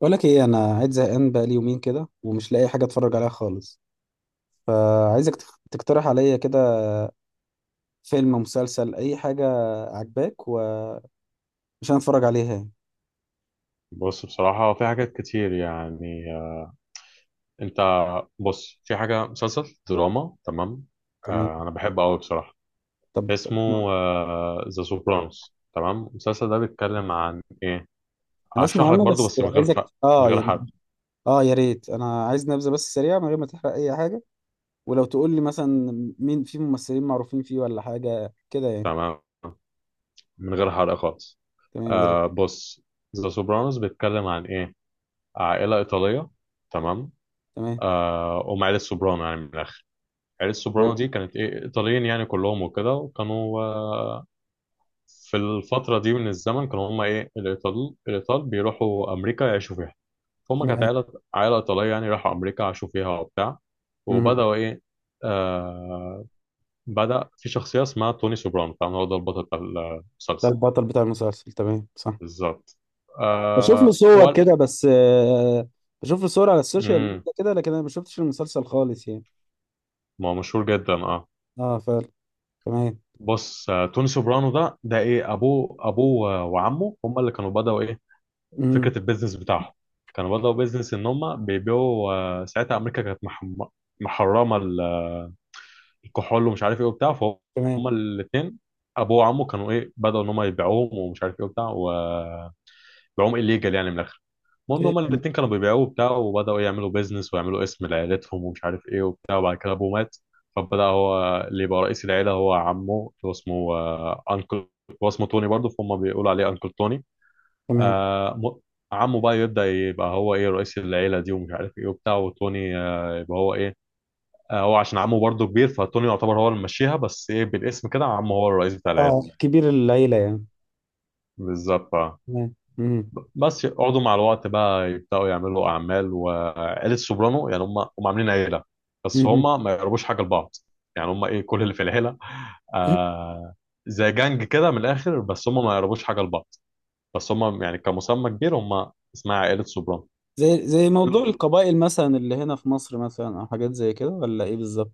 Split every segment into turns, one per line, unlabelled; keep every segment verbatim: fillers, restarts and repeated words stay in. بقول لك ايه؟ انا قاعد زهقان بقالي يومين كده، ومش لاقي حاجه اتفرج عليها خالص. فعايزك تخ- تقترح عليا كده، فيلم، مسلسل، اي حاجه عجباك وعشان اتفرج عليها يعني.
بص، بصراحة في حاجات كتير يعني آه، انت، بص، في حاجة مسلسل دراما. تمام.
تمام.
آه انا بحبه قوي بصراحة.
طب
اسمه ذا سوبرانوس. تمام، المسلسل ده بيتكلم عن ايه؟
انا اسمع
هشرح لك
عنه
برضو،
بس
بس من غير ف...
عايزك
من
اه
غير
يعني.
حرق.
اه، يا ريت، انا عايز نبذه بس سريعه من غير ما تحرق اي حاجه. ولو تقول لي مثلا مين في ممثلين معروفين فيه ولا حاجه كده يعني.
تمام، من غير حرق خالص.
تمام، يا ريت.
آه بص، ذا سوبرانوس بيتكلم عن ايه؟ عائلة إيطالية. تمام.
تمام.
آه هم عائلة سوبرانو يعني من الآخر. عائلة
تمام.
سوبرانو دي كانت ايه، إيطاليين يعني كلهم وكده. وكانوا آه، في الفترة دي من الزمن، كانوا هما إيه، الإيطال الإيطال بيروحوا أمريكا يعيشوا فيها. فهم كانت عائلة عائلة إيطالية يعني، راحوا أمريكا عاشوا فيها وبتاع.
مم.
وبدأوا إيه، آه بدأ في شخصية اسمها توني سوبرانو، طبعا هو ده البطل بتاع
ده
المسلسل.
البطل بتاع المسلسل، تمام، صح.
بالظبط.
بشوف له
آه
صور
وال...
كده بس آه، بشوف له صور على السوشيال
مم.
ميديا كده، لكن انا ما شفتش المسلسل خالص يعني.
ما هو مشهور جدا اه.
اه فعلا. تمام.
بص، آه، توني سوبرانو ده ده ايه، ابوه ابوه وعمه هم اللي كانوا بدأوا ايه
امم.
فكره البيزنس بتاعهم. كانوا بدأوا بيزنس ان هم بيبيعوا آه، ساعتها امريكا كانت محم- محرمه ال- الكحول ومش عارف ايه وبتاع. فهم
تمام.
الاثنين، ابوه وعمه، كانوا ايه، بدأوا ان هم يبيعوهم ومش عارف ايه وبتاع، وبيعوهم الليجال يعني من الاخر. المهم هما
إيه،
الاثنين كانوا بيبيعوه وبتاع، وبدأوا يعملوا بيزنس ويعملوا اسم لعيلتهم ومش عارف ايه وبتاع. وبعد كده ابوه مات، فبدأ هو اللي يبقى رئيس العيلة. هو عمه اللي هو اسمه آه، انكل، هو اسمه توني برضه، فهم بيقولوا عليه انكل توني.
تمام.
آه م- عمه بقى يبدأ يبقى هو ايه رئيس العيلة دي ومش عارف ايه وبتاع، وتوني آه يبقى هو ايه. آه هو عشان عمه برضه كبير، فتوني يعتبر هو اللي ماشيها، بس ايه، بالاسم كده عمه هو الرئيس بتاع العيلة.
اه، كبير العيلة يعني.
بالظبط آه.
تمام. امم.
بس يقعدوا مع الوقت بقى يبدأوا يعملوا أعمال. وعيلة سوبرانو يعني هم هم عاملين عيلة، بس
أمم.
هم ما يقربوش حاجة لبعض. يعني هم ايه كل اللي في العيلة، آه زي جانج كده من الآخر، بس هم ما يقربوش حاجة لبعض. بس هم يعني كمسمى كبير، هم اسمها عائلة سوبرانو.
زي زي موضوع
كل.
القبائل مثلا اللي هنا في مصر مثلا، او حاجات زي كده، ولا ايه بالظبط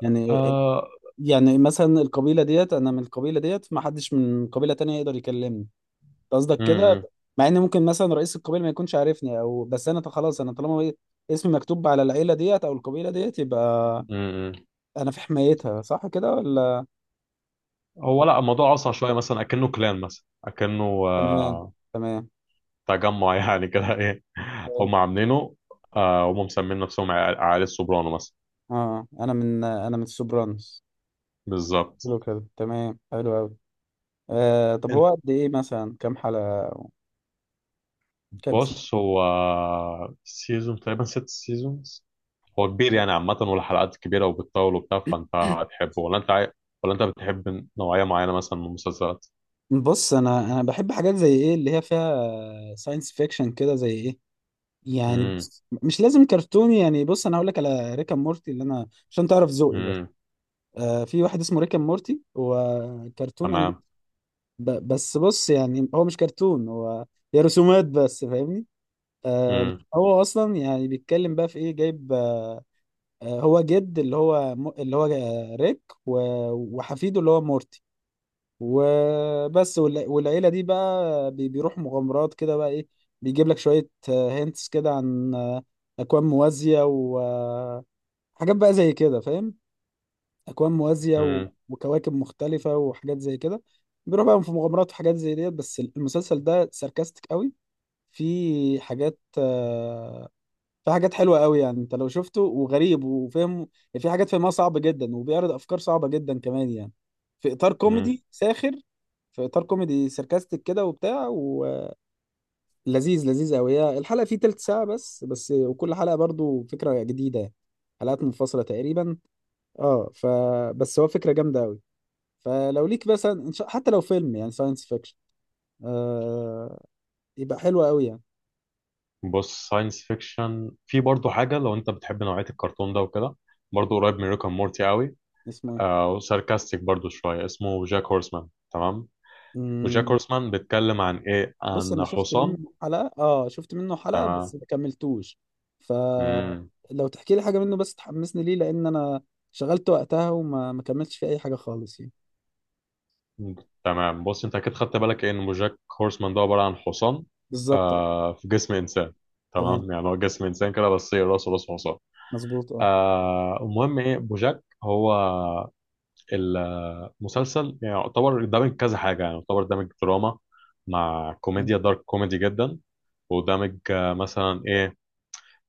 يعني؟
آه
يعني مثلا القبيلة ديت، انا من القبيلة ديت، ما حدش من قبيلة تانية يقدر يكلمني، قصدك كده؟
امم.
مع ان ممكن مثلا رئيس القبيله ما يكونش عارفني، او بس انا خلاص، انا طالما بقيت اسمي مكتوب على العيله ديت او القبيله ديت، يبقى
امم.
انا في حمايتها، صح كده ولا؟
هو لا، الموضوع اصعب شويه، مثلا اكنه كلان، مثلا اكنه
تمام.
آه،
تمام.
تجمع يعني كده ايه. هم عاملينه آه، هم مسمين نفسهم عيال عيال السوبرانو مثلا.
اه، انا من انا من السوبرانوس.
بالظبط.
حلو كده، تمام، حلو قوي. آه طب
انت،
هو قد ايه مثلا؟ كام حلقه؟ كام سي.
بص، هو سيزون تقريبا ست سيزونز. هو كبير يعني عامه، والحلقات كبيره وبتطول وبتاع. فانت هتحبه، ولا انت عاي... ولا انت بتحب نوعيه معينه مثلا من المسلسلات؟
بص انا انا بحب حاجات زي ايه اللي هي فيها ساينس فيكشن كده، زي ايه يعني.
امم.
بص مش لازم كرتوني، يعني بص انا هقول لك على ريكا مورتي، اللي انا عشان تعرف ذوقي بقى.
امم.
آه، في واحد اسمه ريكا مورتي، هو كرتون أنيم...
تمام.
ب... بس بص، يعني هو مش كرتون، هو هي رسومات بس، فاهمني؟ آه،
امم.
هو اصلا يعني بيتكلم بقى في ايه، جايب آه، آه، هو جد، اللي هو م... اللي هو آه، ريك و... وحفيده اللي هو مورتي وبس. والع... والعيله دي بقى بي... بيروحوا مغامرات كده بقى ايه. بيجيب لك شويه هنتس كده عن آه، اكوان موازيه وحاجات بقى زي كده، فاهم؟ اكوان موازيه و-
امم.
وكواكب مختلفه وحاجات زي كده. بيروح بقى في مغامرات وحاجات زي ديت، بس المسلسل ده ساركاستيك قوي. في حاجات آه، في حاجات حلوه قوي، يعني انت لو شفته وغريب وفهم يعني، في حاجات فهمها صعبه جدا، وبيعرض افكار صعبه جدا كمان يعني، في اطار
امم.
كوميدي ساخر، في اطار كوميدي ساركاستيك كده وبتاع ولذيذ. لذيذ قوي. هي الحلقه فيه تلت ساعه بس بس، وكل حلقه برضو فكره جديده يعني. حلقات منفصله تقريبا. اه، فبس هو فكره جامده قوي. فلو ليك مثلا إن شاء، حتى لو فيلم يعني ساينس فيكشن، آه، يبقى حلو قوي يعني.
بص، ساينس فيكشن في برضه حاجة. لو انت بتحب نوعية الكرتون ده وكده، برضه قريب من ريكا مورتي قوي.
اسمه ايه؟
آه وساركاستيك برضه شوية. اسمه جاك هورسمان. تمام. وجاك
مم.
هورسمان بيتكلم عن ايه؟
بص
عن
انا شفت
حصان.
منه حلقة اه شفت منه حلقة، بس
تمام.
ما كملتوش.
مم.
فلو تحكي لي حاجة منه بس تحمسني ليه، لان انا شغلت وقتها، وما ما كملتش فيه اي حاجة خالص يعني.
تمام، بص، انت اكيد خدت بالك ايه ان جاك هورسمان ده عبارة عن حصان
بالظبط.
آه في جسم انسان.
تمام.
تمام، يعني هو جسم انسان كده بس هي راسه راس حصان.
مظبوط. اه.
آه المهم ايه، بوجاك هو مسلسل يعني يعتبر دامج كذا حاجة، يعني يعتبر دامج دراما مع كوميديا، دارك كوميدي جدا، ودامج آه، مثلا ايه،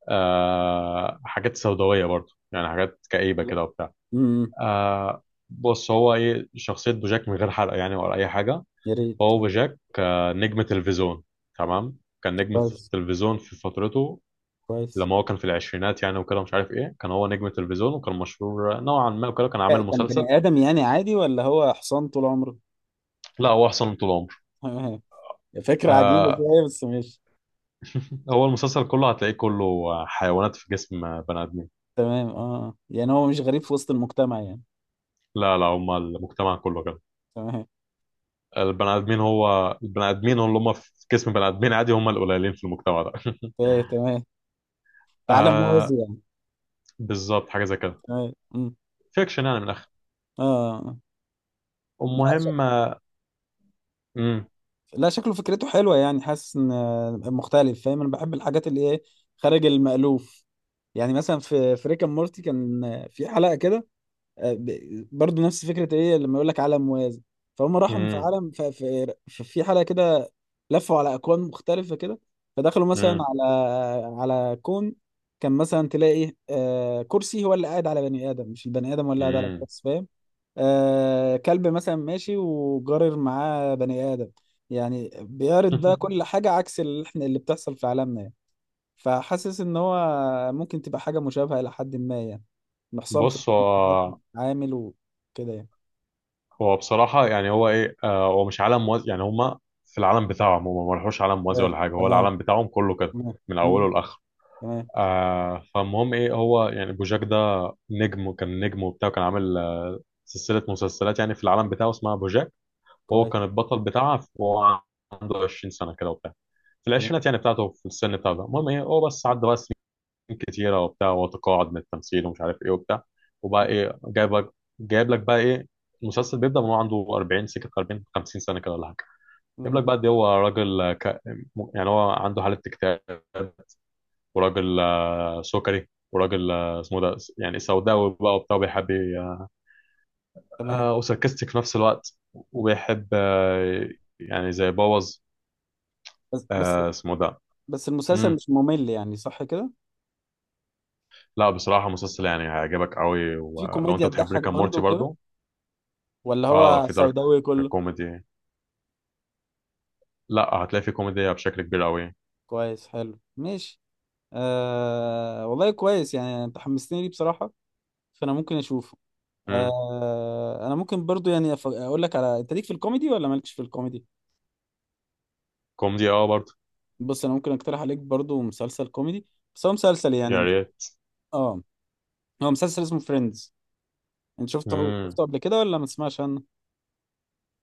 آه حاجات سوداوية برضو، يعني حاجات كئيبة كده وبتاع.
امم،
آه بص، هو ايه شخصية بوجاك، من غير حرق يعني ولا أي حاجة.
يا ريت.
هو بوجاك آه نجم تلفزيون. تمام، كان نجم
كويس.
تلفزيون في فترته،
كويس.
لما هو كان في العشرينات يعني وكده، مش عارف ايه، كان هو نجم تلفزيون وكان مشهور نوعا ما وكده، كان عامل
كان
مسلسل.
بني ادم يعني عادي، ولا هو حصان طول عمره؟
لا، هو احسن طول عمره.
فكرة عجيبة
آه
شوية، بس ماشي.
هو المسلسل كله هتلاقيه كله حيوانات في جسم بني ادمين.
تمام، اه، يعني هو مش غريب في وسط المجتمع يعني.
لا، لا، هما المجتمع كله كده.
تمام.
البني ادمين، هو البني ادمين اللي هم في جسم بني ادمين عادي، هم القليلين في المجتمع ده.
ايه، تمام. تعالى موازي
آه
يعني.
بالظبط، حاجه زي كده.
تمام. أمم.
فيكشن يعني من الاخر.
اه. آه. لا ش...
المهم. امم.
لا، شكله فكرته حلوه يعني، حاسس ان آه، مختلف، فاهم؟ انا بحب الحاجات اللي ايه، خارج المألوف. يعني مثلا في في ريكا مورتي كان آه، في حلقه كده، آه، ب- برضو نفس فكرة ايه، لما يقول لك عالم موازي، فهم راحوا في
امم.
عالم ف- في ف- في حلقة كده، لفوا على اكوان مختلفة كده، فدخلوا مثلا
امم.
على على كون، كان مثلا تلاقي إيه، آه، كرسي هو اللي قاعد على بني ادم، مش البني ادم هو اللي قاعد على
امم.
الكرسي، فاهم؟ آه، كلب مثلا ماشي وجارر معاه بني ادم، يعني بيعرض ده كل حاجة عكس اللي احنا، اللي بتحصل في عالمنا. فحاسس ان هو ممكن تبقى حاجه مشابهه الى حد ما يعني، محصن في
بص، هو
عامل وكده يعني.
هو بصراحه يعني هو ايه، آه هو مش عالم موازي يعني هم في العالم بتاعهم، هم ما راحوش عالم موازي ولا حاجه، هو
تمام.
العالم بتاعهم كله كده
تمام. تمام.
من
مم.
اوله لاخره.
تمام.
آه فالمهم ايه، هو يعني بوجاك ده نجم وكان نجم وبتاع وكان عامل آه، سلسلة مسلسلات يعني في العالم بتاعه اسمها بوجاك. وهو
كويس.
كان البطل بتاعها، وهو عنده عشرين سنة كده وبتاع، في
تمام.
العشرينات يعني بتاعته في السن بتاعه ده. المهم ايه، هو بس عدى بقى سنين كتيرة وبتاع، وتقاعد من التمثيل ومش عارف ايه وبتاع، وبقى ايه، جايب لك جايب لك بقى ايه. المسلسل بيبدأ من هو عنده أربعين سكة أربعين خمسين سنة كده ولا حاجة. جايب
مم.
لك بقى دي، هو راجل ك... يعني هو عنده حالة اكتئاب، وراجل سكري، وراجل آه، اسمه ده يعني سوداوي بقى وبتاع، وبيحب ي-
تمام.
آه، وساركستك في نفس الوقت، وبيحب آه، يعني زي بوظ
بس بس،
آه، اسمه ده.
بس المسلسل
مم.
مش ممل يعني، صح كده؟
لا، بصراحة مسلسل يعني هيعجبك قوي
في
ولو انت
كوميديا
بتحب
تضحك
ريكا مورتي
برضه كده،
برضو.
ولا
اه،
هو
في دارك
سوداوي كله؟
كوميدي. لا، هتلاقي في كوميديا بشكل كبير قوي.
كويس، حلو، ماشي. آه والله كويس، يعني انت حمستني ليه بصراحه، فانا ممكن اشوفه.
مم.
آه، انا ممكن برضو يعني أف- اقول لك، على انت ليك في الكوميدي ولا مالكش في الكوميدي.
كوميدي اه برضو.
بص انا ممكن اقترح عليك برضو مسلسل كوميدي، بس هو مسلسل
يا
يعني.
ريت.
اه. هو مسلسل اسمه فريندز. انت شفته،
مم.
شفته قبل كده، ولا ما تسمعش عنه؟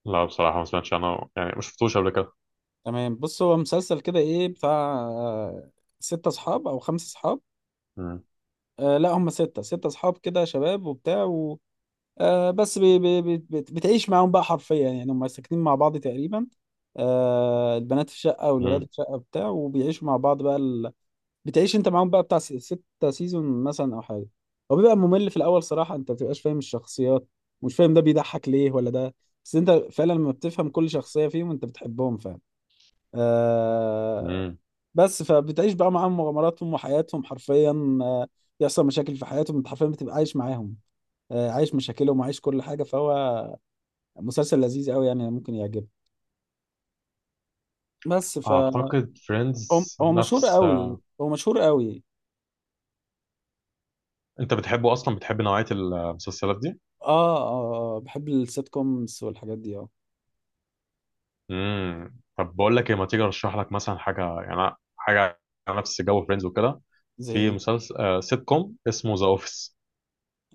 لا، بصراحة ما سمعتش عنه يعني، ما شفتوش قبل كده.
تمام. بص هو مسلسل كده ايه، بتاع آه، ستة اصحاب او خمسة اصحاب.
مم.
آه لا، هم ستة، ستة اصحاب كده، شباب وبتاع و... آه بس بي بي بي بت- بتعيش معاهم بقى حرفيا، يعني هم ساكنين مع بعض تقريبا. آه، البنات في شقة، والولاد
مم.
في شقة بتاع، وبيعيشوا مع بعض بقى. بتعيش انت معاهم بقى بتاع س- ستة سيزون مثلا او حاجه. هو بيبقى ممل في الاول صراحه، انت ما بتبقاش فاهم الشخصيات، مش فاهم ده بيضحك ليه ولا ده. بس انت فعلا لما بتفهم كل شخصيه فيهم، انت بتحبهم فعلا. آه.
مم.
بس فبتعيش بقى معاهم مغامراتهم وحياتهم حرفيا، آه، يحصل مشاكل في حياتهم، انت حرفيا بتبقى عايش معاهم، آه، عايش مشاكلهم وعايش كل حاجه، فهو مسلسل لذيذ قوي يعني، ممكن يعجبك. بس ف
اعتقد
هو
فريندز
هو مشهور
نفس
قوي،
آه،
هو مشهور قوي.
انت بتحبه اصلا؟ بتحب نوعيه المسلسلات دي؟
اه، اه، آه بحب السيت كومز والحاجات دي اه
امم طب بقول لك ايه، ما تيجي ارشح لك مثلا حاجه يعني، حاجه على نفس جو فريندز وكده.
زي
في
ايه.
مسلسل آه سيت كوم اسمه ذا اوفيس.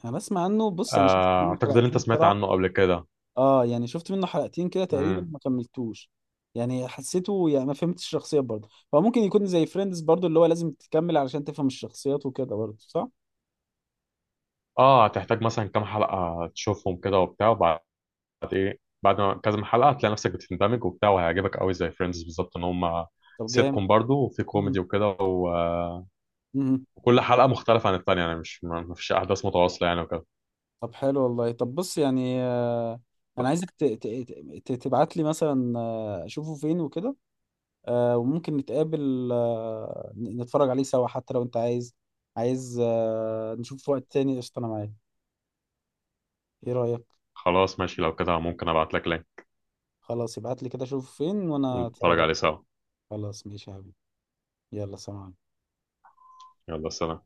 انا بسمع عنه، بص انا شفت
آه
منه
اعتقد ان انت
حلقتين
سمعت
بصراحه.
عنه قبل كده.
اه، يعني شفت منه حلقتين كده تقريبا،
امم
ما كملتوش، يعني حسيته يعني ما فهمتش الشخصيات برضه، فممكن يكون زي فريندز برضه، اللي هو لازم تكمل علشان تفهم الشخصيات وكده برضه، صح؟
اه، هتحتاج مثلا كام حلقه تشوفهم كده وبتاع، وبعد بعد ما كذا حلقه هتلاقي نفسك بتندمج وبتاع، وهيعجبك قوي زي فريندز بالظبط. ان هم
طب
سيت
جامد.
كوم برضه، وفي
مم.
كوميدي وكده و-
مم.
وكل حلقه مختلفه عن الثانيه يعني، مش ما ما فيش احداث متواصله يعني وكده.
طب حلو والله، طب بص يعني، آه، انا عايزك ت- ت- ت- تبعت لي مثلا آه، اشوفه فين وكده، آه، وممكن نتقابل، آه، ن- نتفرج عليه سوا حتى لو انت عايز، عايز آه نشوف في وقت تاني، قشطه انا معاك. ايه رايك؟
خلاص، ماشي، لو كده ممكن ابعت لك لينك
خلاص ابعت لي كده، شوف فين وانا اتفرج
ونتفرج
عليه.
عليه سوا.
خلاص ماشي يا حبيبي، يلا سلام عليكم.
يلا سلام.